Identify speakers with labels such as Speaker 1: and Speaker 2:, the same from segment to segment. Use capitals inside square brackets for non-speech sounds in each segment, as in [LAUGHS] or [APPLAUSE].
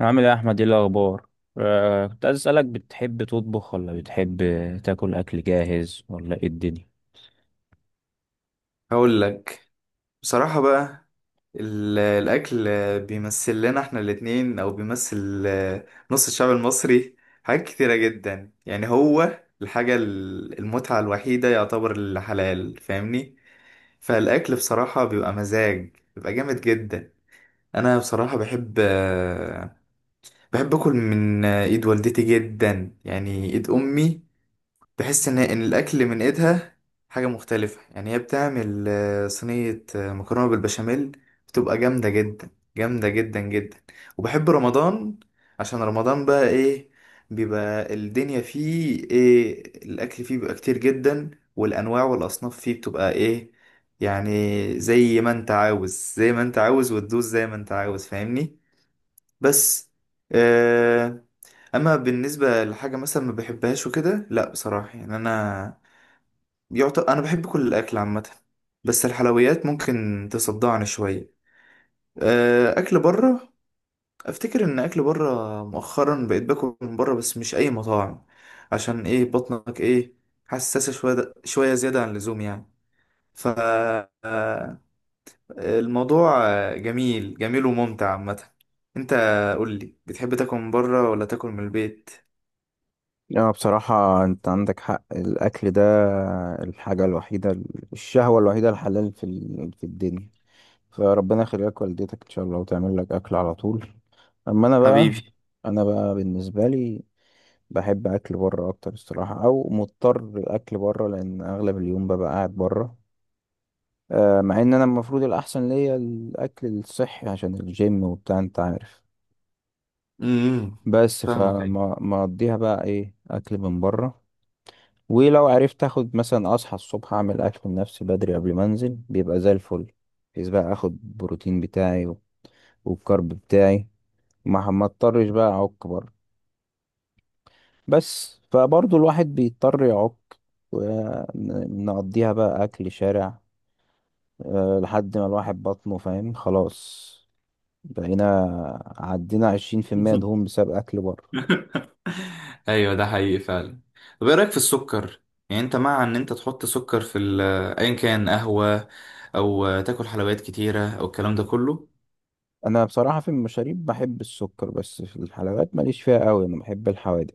Speaker 1: عامل ايه يا احمد، ايه الاخبار؟ كنت عايز اسالك، بتحب تطبخ ولا بتحب تاكل اكل جاهز ولا ايه الدنيا؟
Speaker 2: هقول لك بصراحة بقى. الأكل بيمثل لنا احنا الاتنين أو بيمثل نص الشعب المصري حاجات كتيرة جدا. يعني هو الحاجة المتعة الوحيدة يعتبر الحلال، فاهمني؟ فالأكل بصراحة بيبقى مزاج، بيبقى جامد جدا. أنا بصراحة بحب، بحب أكل من إيد والدتي جدا، يعني إيد أمي. تحس ان الاكل من ايدها حاجه مختلفه. يعني هي بتعمل صينيه مكرونه بالبشاميل، بتبقى جامده جدا، جامده جدا جدا. وبحب رمضان عشان رمضان بقى ايه، بيبقى الدنيا فيه ايه، الاكل فيه بيبقى كتير جدا، والانواع والاصناف فيه بتبقى ايه يعني، زي ما انت عاوز زي ما انت عاوز وتدوس زي ما انت عاوز، فاهمني؟ بس آه اما بالنسبه لحاجه مثلا ما بحبهاش وكده، لا بصراحه، يعني انا يعتبر انا بحب كل الاكل عامه، بس الحلويات ممكن تصدعني شويه. اكل بره، افتكر ان اكل بره مؤخرا بقيت باكل من بره، بس مش اي مطاعم، عشان ايه، بطنك ايه حساسه شويه شويه زياده عن اللزوم يعني. ف آه، الموضوع جميل جميل وممتع عامه. انت قول لي، بتحب تاكل من بره ولا تاكل من البيت؟
Speaker 1: لا بصراحة أنت عندك حق. الأكل ده الحاجة الوحيدة، الشهوة الوحيدة الحلال في الدنيا. فربنا يخليك والدتك إن شاء الله وتعمل لك أكل على طول. أما أنا بقى،
Speaker 2: حبيبي.
Speaker 1: أنا بقى بالنسبة لي بحب أكل بره أكتر الصراحة، أو مضطر الأكل بره لأن أغلب اليوم ببقى قاعد بره. مع ان انا المفروض الاحسن ليا الاكل الصحي عشان الجيم وبتاع انت عارف.
Speaker 2: امم.
Speaker 1: بس
Speaker 2: فاهمك، ايوه.
Speaker 1: فما ما اقضيها بقى ايه اكل من بره. ولو عرفت اخد مثلا اصحى الصبح اعمل اكل لنفسي بدري قبل ما انزل بيبقى زي الفل، بحيث بقى اخد البروتين بتاعي والكارب بتاعي. ما اضطرش بقى اعك بره، بس فبرضه الواحد بيضطر يعك ونقضيها بقى اكل شارع. لحد ما الواحد بطنه فاهم خلاص. بقينا عدينا 20% دهون
Speaker 2: [LAUGHS]
Speaker 1: بسبب أكل بره.
Speaker 2: ايوه ده حقيقي فعلا. طب ايه رايك في السكر؟ يعني انت مع ان انت تحط سكر في ايا كان قهوه او تاكل حلويات كتيره او الكلام ده كله؟
Speaker 1: أنا بصراحة في المشاريب بحب السكر، بس في الحلويات ماليش فيها قوي، أنا بحب الحوادق.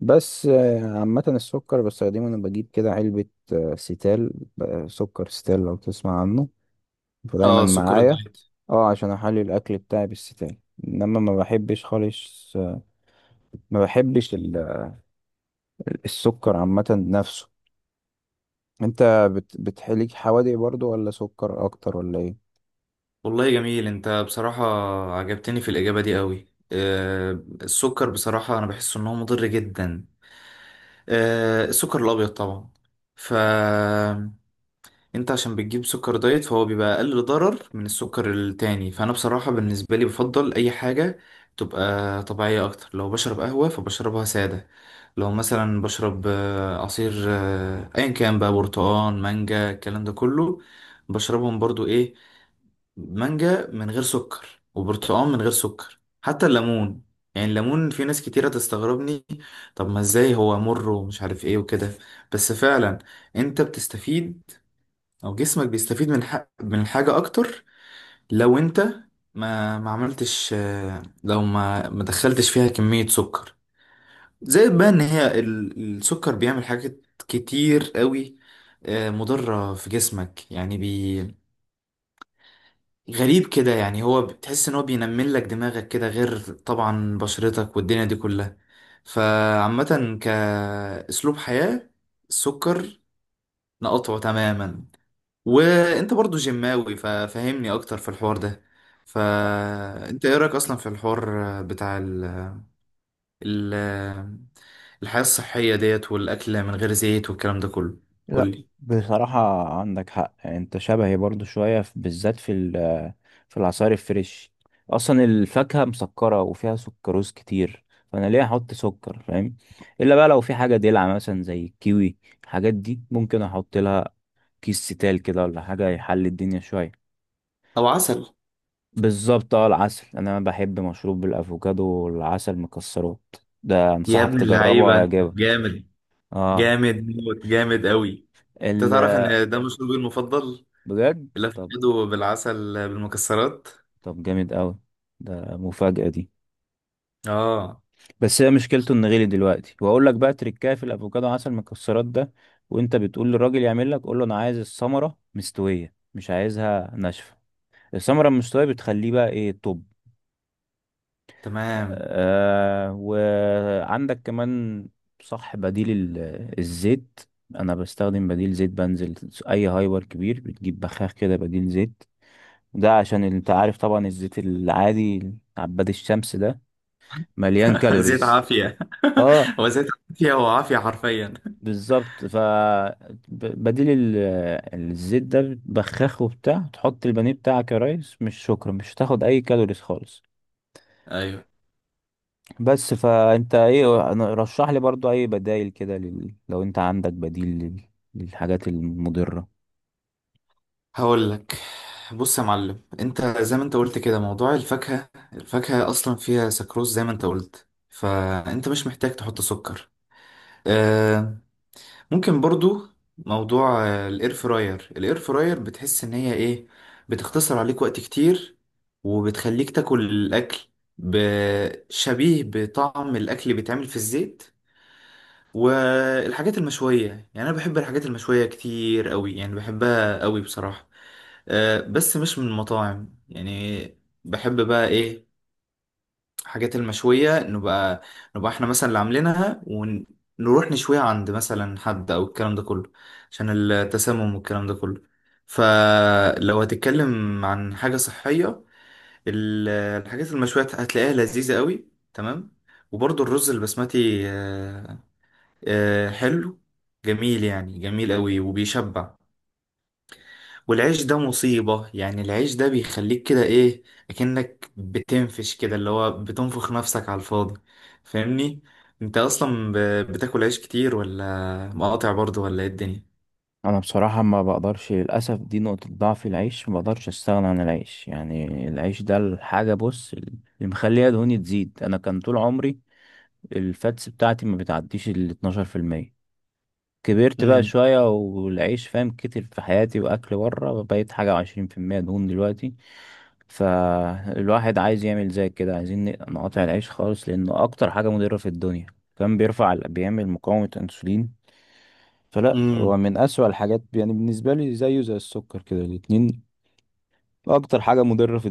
Speaker 1: بس عامة السكر بستخدمه، أنا بجيب كده علبة، ستال. سكر ستال لو تسمع عنه، فدايما
Speaker 2: اه، سكر
Speaker 1: معايا.
Speaker 2: الدايت.
Speaker 1: اه عشان أحلي الأكل بتاعي بالستال. إنما ما بحبش خالص، ما بحبش السكر عامة نفسه. أنت بتحلي حوادق برضو ولا سكر أكتر ولا إيه؟
Speaker 2: والله جميل انت بصراحه، عجبتني في الاجابه دي قوي. آه، السكر بصراحه انا بحس ان هو مضر جدا، آه السكر الابيض طبعا. ف انت عشان بتجيب سكر دايت فهو بيبقى اقل ضرر من السكر التاني. فانا بصراحة بالنسبة لي بفضل اي حاجة تبقى طبيعية اكتر. لو بشرب قهوة فبشربها سادة، لو مثلا بشرب عصير ايا كان بقى، برتقان، مانجا، الكلام ده كله، بشربهم برضو ايه، مانجا من غير سكر وبرتقال من غير سكر، حتى الليمون. يعني الليمون في ناس كتيرة تستغربني، طب ما ازاي هو مر ومش عارف ايه وكده، بس فعلا انت بتستفيد او جسمك بيستفيد من من الحاجة اكتر لو انت ما عملتش، لو ما دخلتش فيها كمية سكر زائد. بقى ان هي السكر بيعمل حاجات كتير قوي مضرة في جسمك، يعني غريب كده. يعني هو بتحس ان هو بينمل لك دماغك كده، غير طبعا بشرتك والدنيا دي كلها. فعامة كأسلوب حياة، السكر نقطعه تماما. وانت برضو جماوي ففهمني اكتر في الحوار ده. فانت ايه رايك اصلا في الحوار بتاع ال... الحياه الصحيه ديت والاكل من غير زيت والكلام ده كله؟
Speaker 1: لا
Speaker 2: قولي.
Speaker 1: بصراحة عندك حق، يعني انت شبهي برضو شوية بالذات في العصائر الفريش. اصلا الفاكهة مسكرة وفيها سكروز كتير، فانا ليه احط سكر فاهم. الا بقى لو في حاجة دلع مثلا زي الكيوي، الحاجات دي ممكن احط لها كيس ستال كده ولا حاجة يحل الدنيا شوية.
Speaker 2: او عسل.
Speaker 1: بالظبط. اه العسل، انا بحب مشروب بالافوكادو والعسل مكسرات. ده
Speaker 2: يا
Speaker 1: انصحك
Speaker 2: ابن
Speaker 1: تجربه
Speaker 2: اللعيبه
Speaker 1: ويعجبك.
Speaker 2: جامد،
Speaker 1: اه.
Speaker 2: جامد موت، جامد قوي. انت
Speaker 1: ال
Speaker 2: تعرف ان ده مشروبي المفضل،
Speaker 1: بجد؟ طب.
Speaker 2: الافوكادو بالعسل بالمكسرات.
Speaker 1: طب جامد قوي، ده مفاجأة دي.
Speaker 2: اه.
Speaker 1: بس هي مشكلته انه غلي دلوقتي، واقول لك بقى تركايه في الافوكادو عسل مكسرات ده، وانت بتقول للراجل يعمل لك قول له انا عايز الثمرة مستوية مش عايزها ناشفة. الثمرة المستوية بتخليه بقى ايه. طب
Speaker 2: تمام.
Speaker 1: آه، وعندك كمان، صح، بديل الزيت. انا بستخدم بديل زيت، بنزل اي هايبر كبير بتجيب بخاخ كده بديل زيت. ده عشان انت عارف طبعا الزيت العادي عباد الشمس ده مليان
Speaker 2: [LAUGHS] زيت
Speaker 1: كالوريز.
Speaker 2: عافيه.
Speaker 1: اه
Speaker 2: [LAUGHS] هو زيت عافيه، هو عافيه حرفيا.
Speaker 1: بالظبط. ف بديل الزيت ده بخاخه بتاع تحط البانيه بتاعك يا ريس مش شكرا، مش هتاخد اي كالوريز خالص.
Speaker 2: ايوه.
Speaker 1: بس فانت ايه؟ رشح لي برضو اي بدايل كده لو انت عندك بديل للحاجات المضرة.
Speaker 2: هقول لك، بص يا معلم، انت زي ما انت قلت كده، موضوع الفاكهة، الفاكهة اصلا فيها سكروز زي ما انت قلت، فانت مش محتاج تحط سكر. آه، ممكن برضو موضوع الاير فراير. الاير فراير بتحس ان هي ايه، بتختصر عليك وقت كتير، وبتخليك تاكل الاكل شبيه بطعم الاكل اللي بيتعمل في الزيت. والحاجات المشوية، يعني انا بحب الحاجات المشوية كتير قوي، يعني بحبها قوي بصراحة، بس مش من المطاعم يعني. بحب بقى ايه، حاجات المشوية نبقى، نبقى احنا مثلا اللي عاملينها ونروح نشويها عند مثلا حد او الكلام ده كله، عشان التسمم والكلام ده كله. فلو هتتكلم عن حاجة صحية، الحاجات المشوية هتلاقيها لذيذة قوي. تمام. وبرضه الرز البسمتي حلو، جميل يعني، جميل قوي وبيشبع. والعيش ده مصيبة، يعني العيش ده بيخليك كده ايه، اكنك بتنفش كده، اللي هو بتنفخ نفسك على الفاضي، فاهمني؟ انت اصلا بتاكل عيش كتير ولا مقاطع برضو ولا ايه الدنيا؟
Speaker 1: انا بصراحة ما بقدرش للاسف، دي نقطة ضعف. العيش ما بقدرش استغنى عن العيش، يعني العيش ده الحاجة بص اللي مخليها دهوني تزيد. انا كان طول عمري الفاتس بتاعتي ما بتعديش ال 12%. كبرت بقى
Speaker 2: امم.
Speaker 1: شوية والعيش فاهم كتر في حياتي وأكل بره، بقيت 21% دهون دلوقتي. فالواحد عايز يعمل زي كده، عايزين نقاطع العيش خالص لأنه أكتر حاجة مضرة في الدنيا. كان بيرفع بيعمل مقاومة أنسولين. فلا هو
Speaker 2: امم.
Speaker 1: من أسوأ الحاجات يعني بالنسبة لي، زيه زي السكر كده، الاتنين أكتر حاجة مضرة في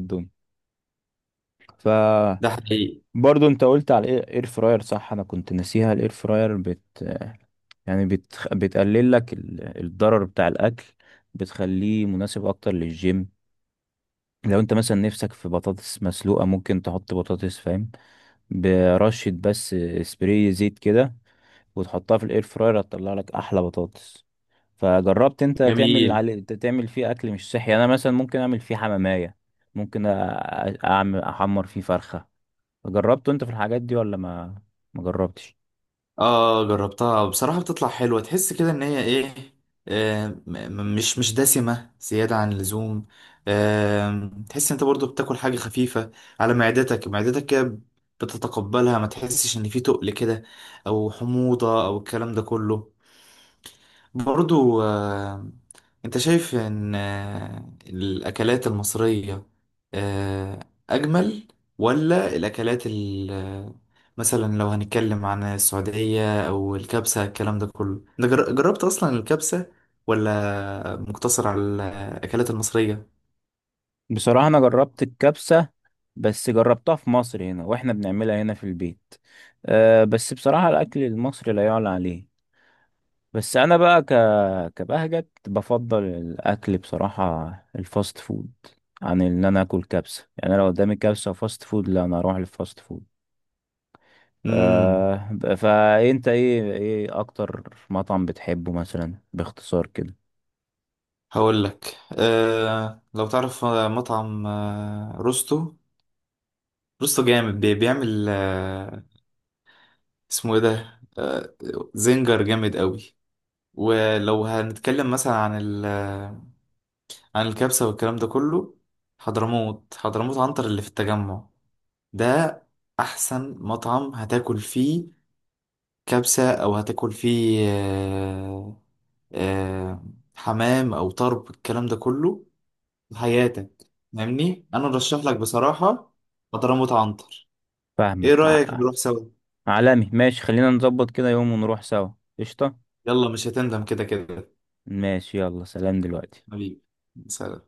Speaker 1: الدنيا.
Speaker 2: ده حقيقي.
Speaker 1: برضو انت قلت على الاير فراير، صح انا كنت ناسيها. الاير فراير يعني بتقلل لك الضرر بتاع الاكل، بتخليه مناسب اكتر للجيم. لو انت مثلا نفسك في بطاطس مسلوقة ممكن تحط بطاطس فاهم، برشة بس سبراي زيت كده، وتحطها في الاير فراير هتطلع لك احلى بطاطس. فجربت انت تعمل
Speaker 2: جميل.
Speaker 1: تعمل فيه اكل مش صحي، يعني انا مثلا ممكن اعمل فيه حمامية، ممكن اعمل احمر فيه فرخة. جربته انت في الحاجات دي ولا ما جربتش؟
Speaker 2: اه جربتها بصراحة، بتطلع حلوة، تحس كده ان هي ايه، آه م- م- مش مش دسمة زيادة عن اللزوم. آه تحس انت برضو بتاكل حاجة خفيفة على معدتك، معدتك كده بتتقبلها، ما تحسش ان في تقل كده او حموضة او الكلام ده كله. برضو انت شايف ان الاكلات المصرية آه، اجمل ولا الاكلات مثلا لو هنتكلم عن السعودية او الكبسة الكلام ده كله؟ انت جربت اصلا الكبسة ولا مقتصر على الاكلات المصرية؟
Speaker 1: بصراحة انا جربت الكبسة، بس جربتها في مصر هنا واحنا بنعملها هنا في البيت. أه بس بصراحة الاكل المصري لا يعلى عليه. بس انا بقى كبهجت بفضل الاكل بصراحة الفاست فود عن ان انا اكل كبسة، يعني لو قدامي كبسة وفاست فود لا انا اروح للفاست فود.
Speaker 2: امم.
Speaker 1: أه فانت ايه، ايه اكتر مطعم بتحبه مثلا باختصار كده؟
Speaker 2: هقول لك. أه لو تعرف مطعم أه روستو، روستو جامد، بيعمل أه، اسمه ايه ده، أه زنجر، جامد قوي. ولو هنتكلم مثلا عن عن الكبسة والكلام ده كله، حضرموت، حضرموت عنتر اللي في التجمع ده، أحسن مطعم هتاكل فيه كبسة، أو هتاكل فيه آه، حمام أو طرب الكلام ده كله في حياتك. فاهمني؟ أنا أرشح لك بصراحة حضرموت عنتر.
Speaker 1: فاهمك.
Speaker 2: إيه رأيك نروح سوا؟
Speaker 1: عالمي ماشي، خلينا نظبط كده يوم ونروح سوا. قشطة.
Speaker 2: يلا مش هتندم كده كده.
Speaker 1: ماشي يلا، سلام دلوقتي.
Speaker 2: حبيبي، سلام.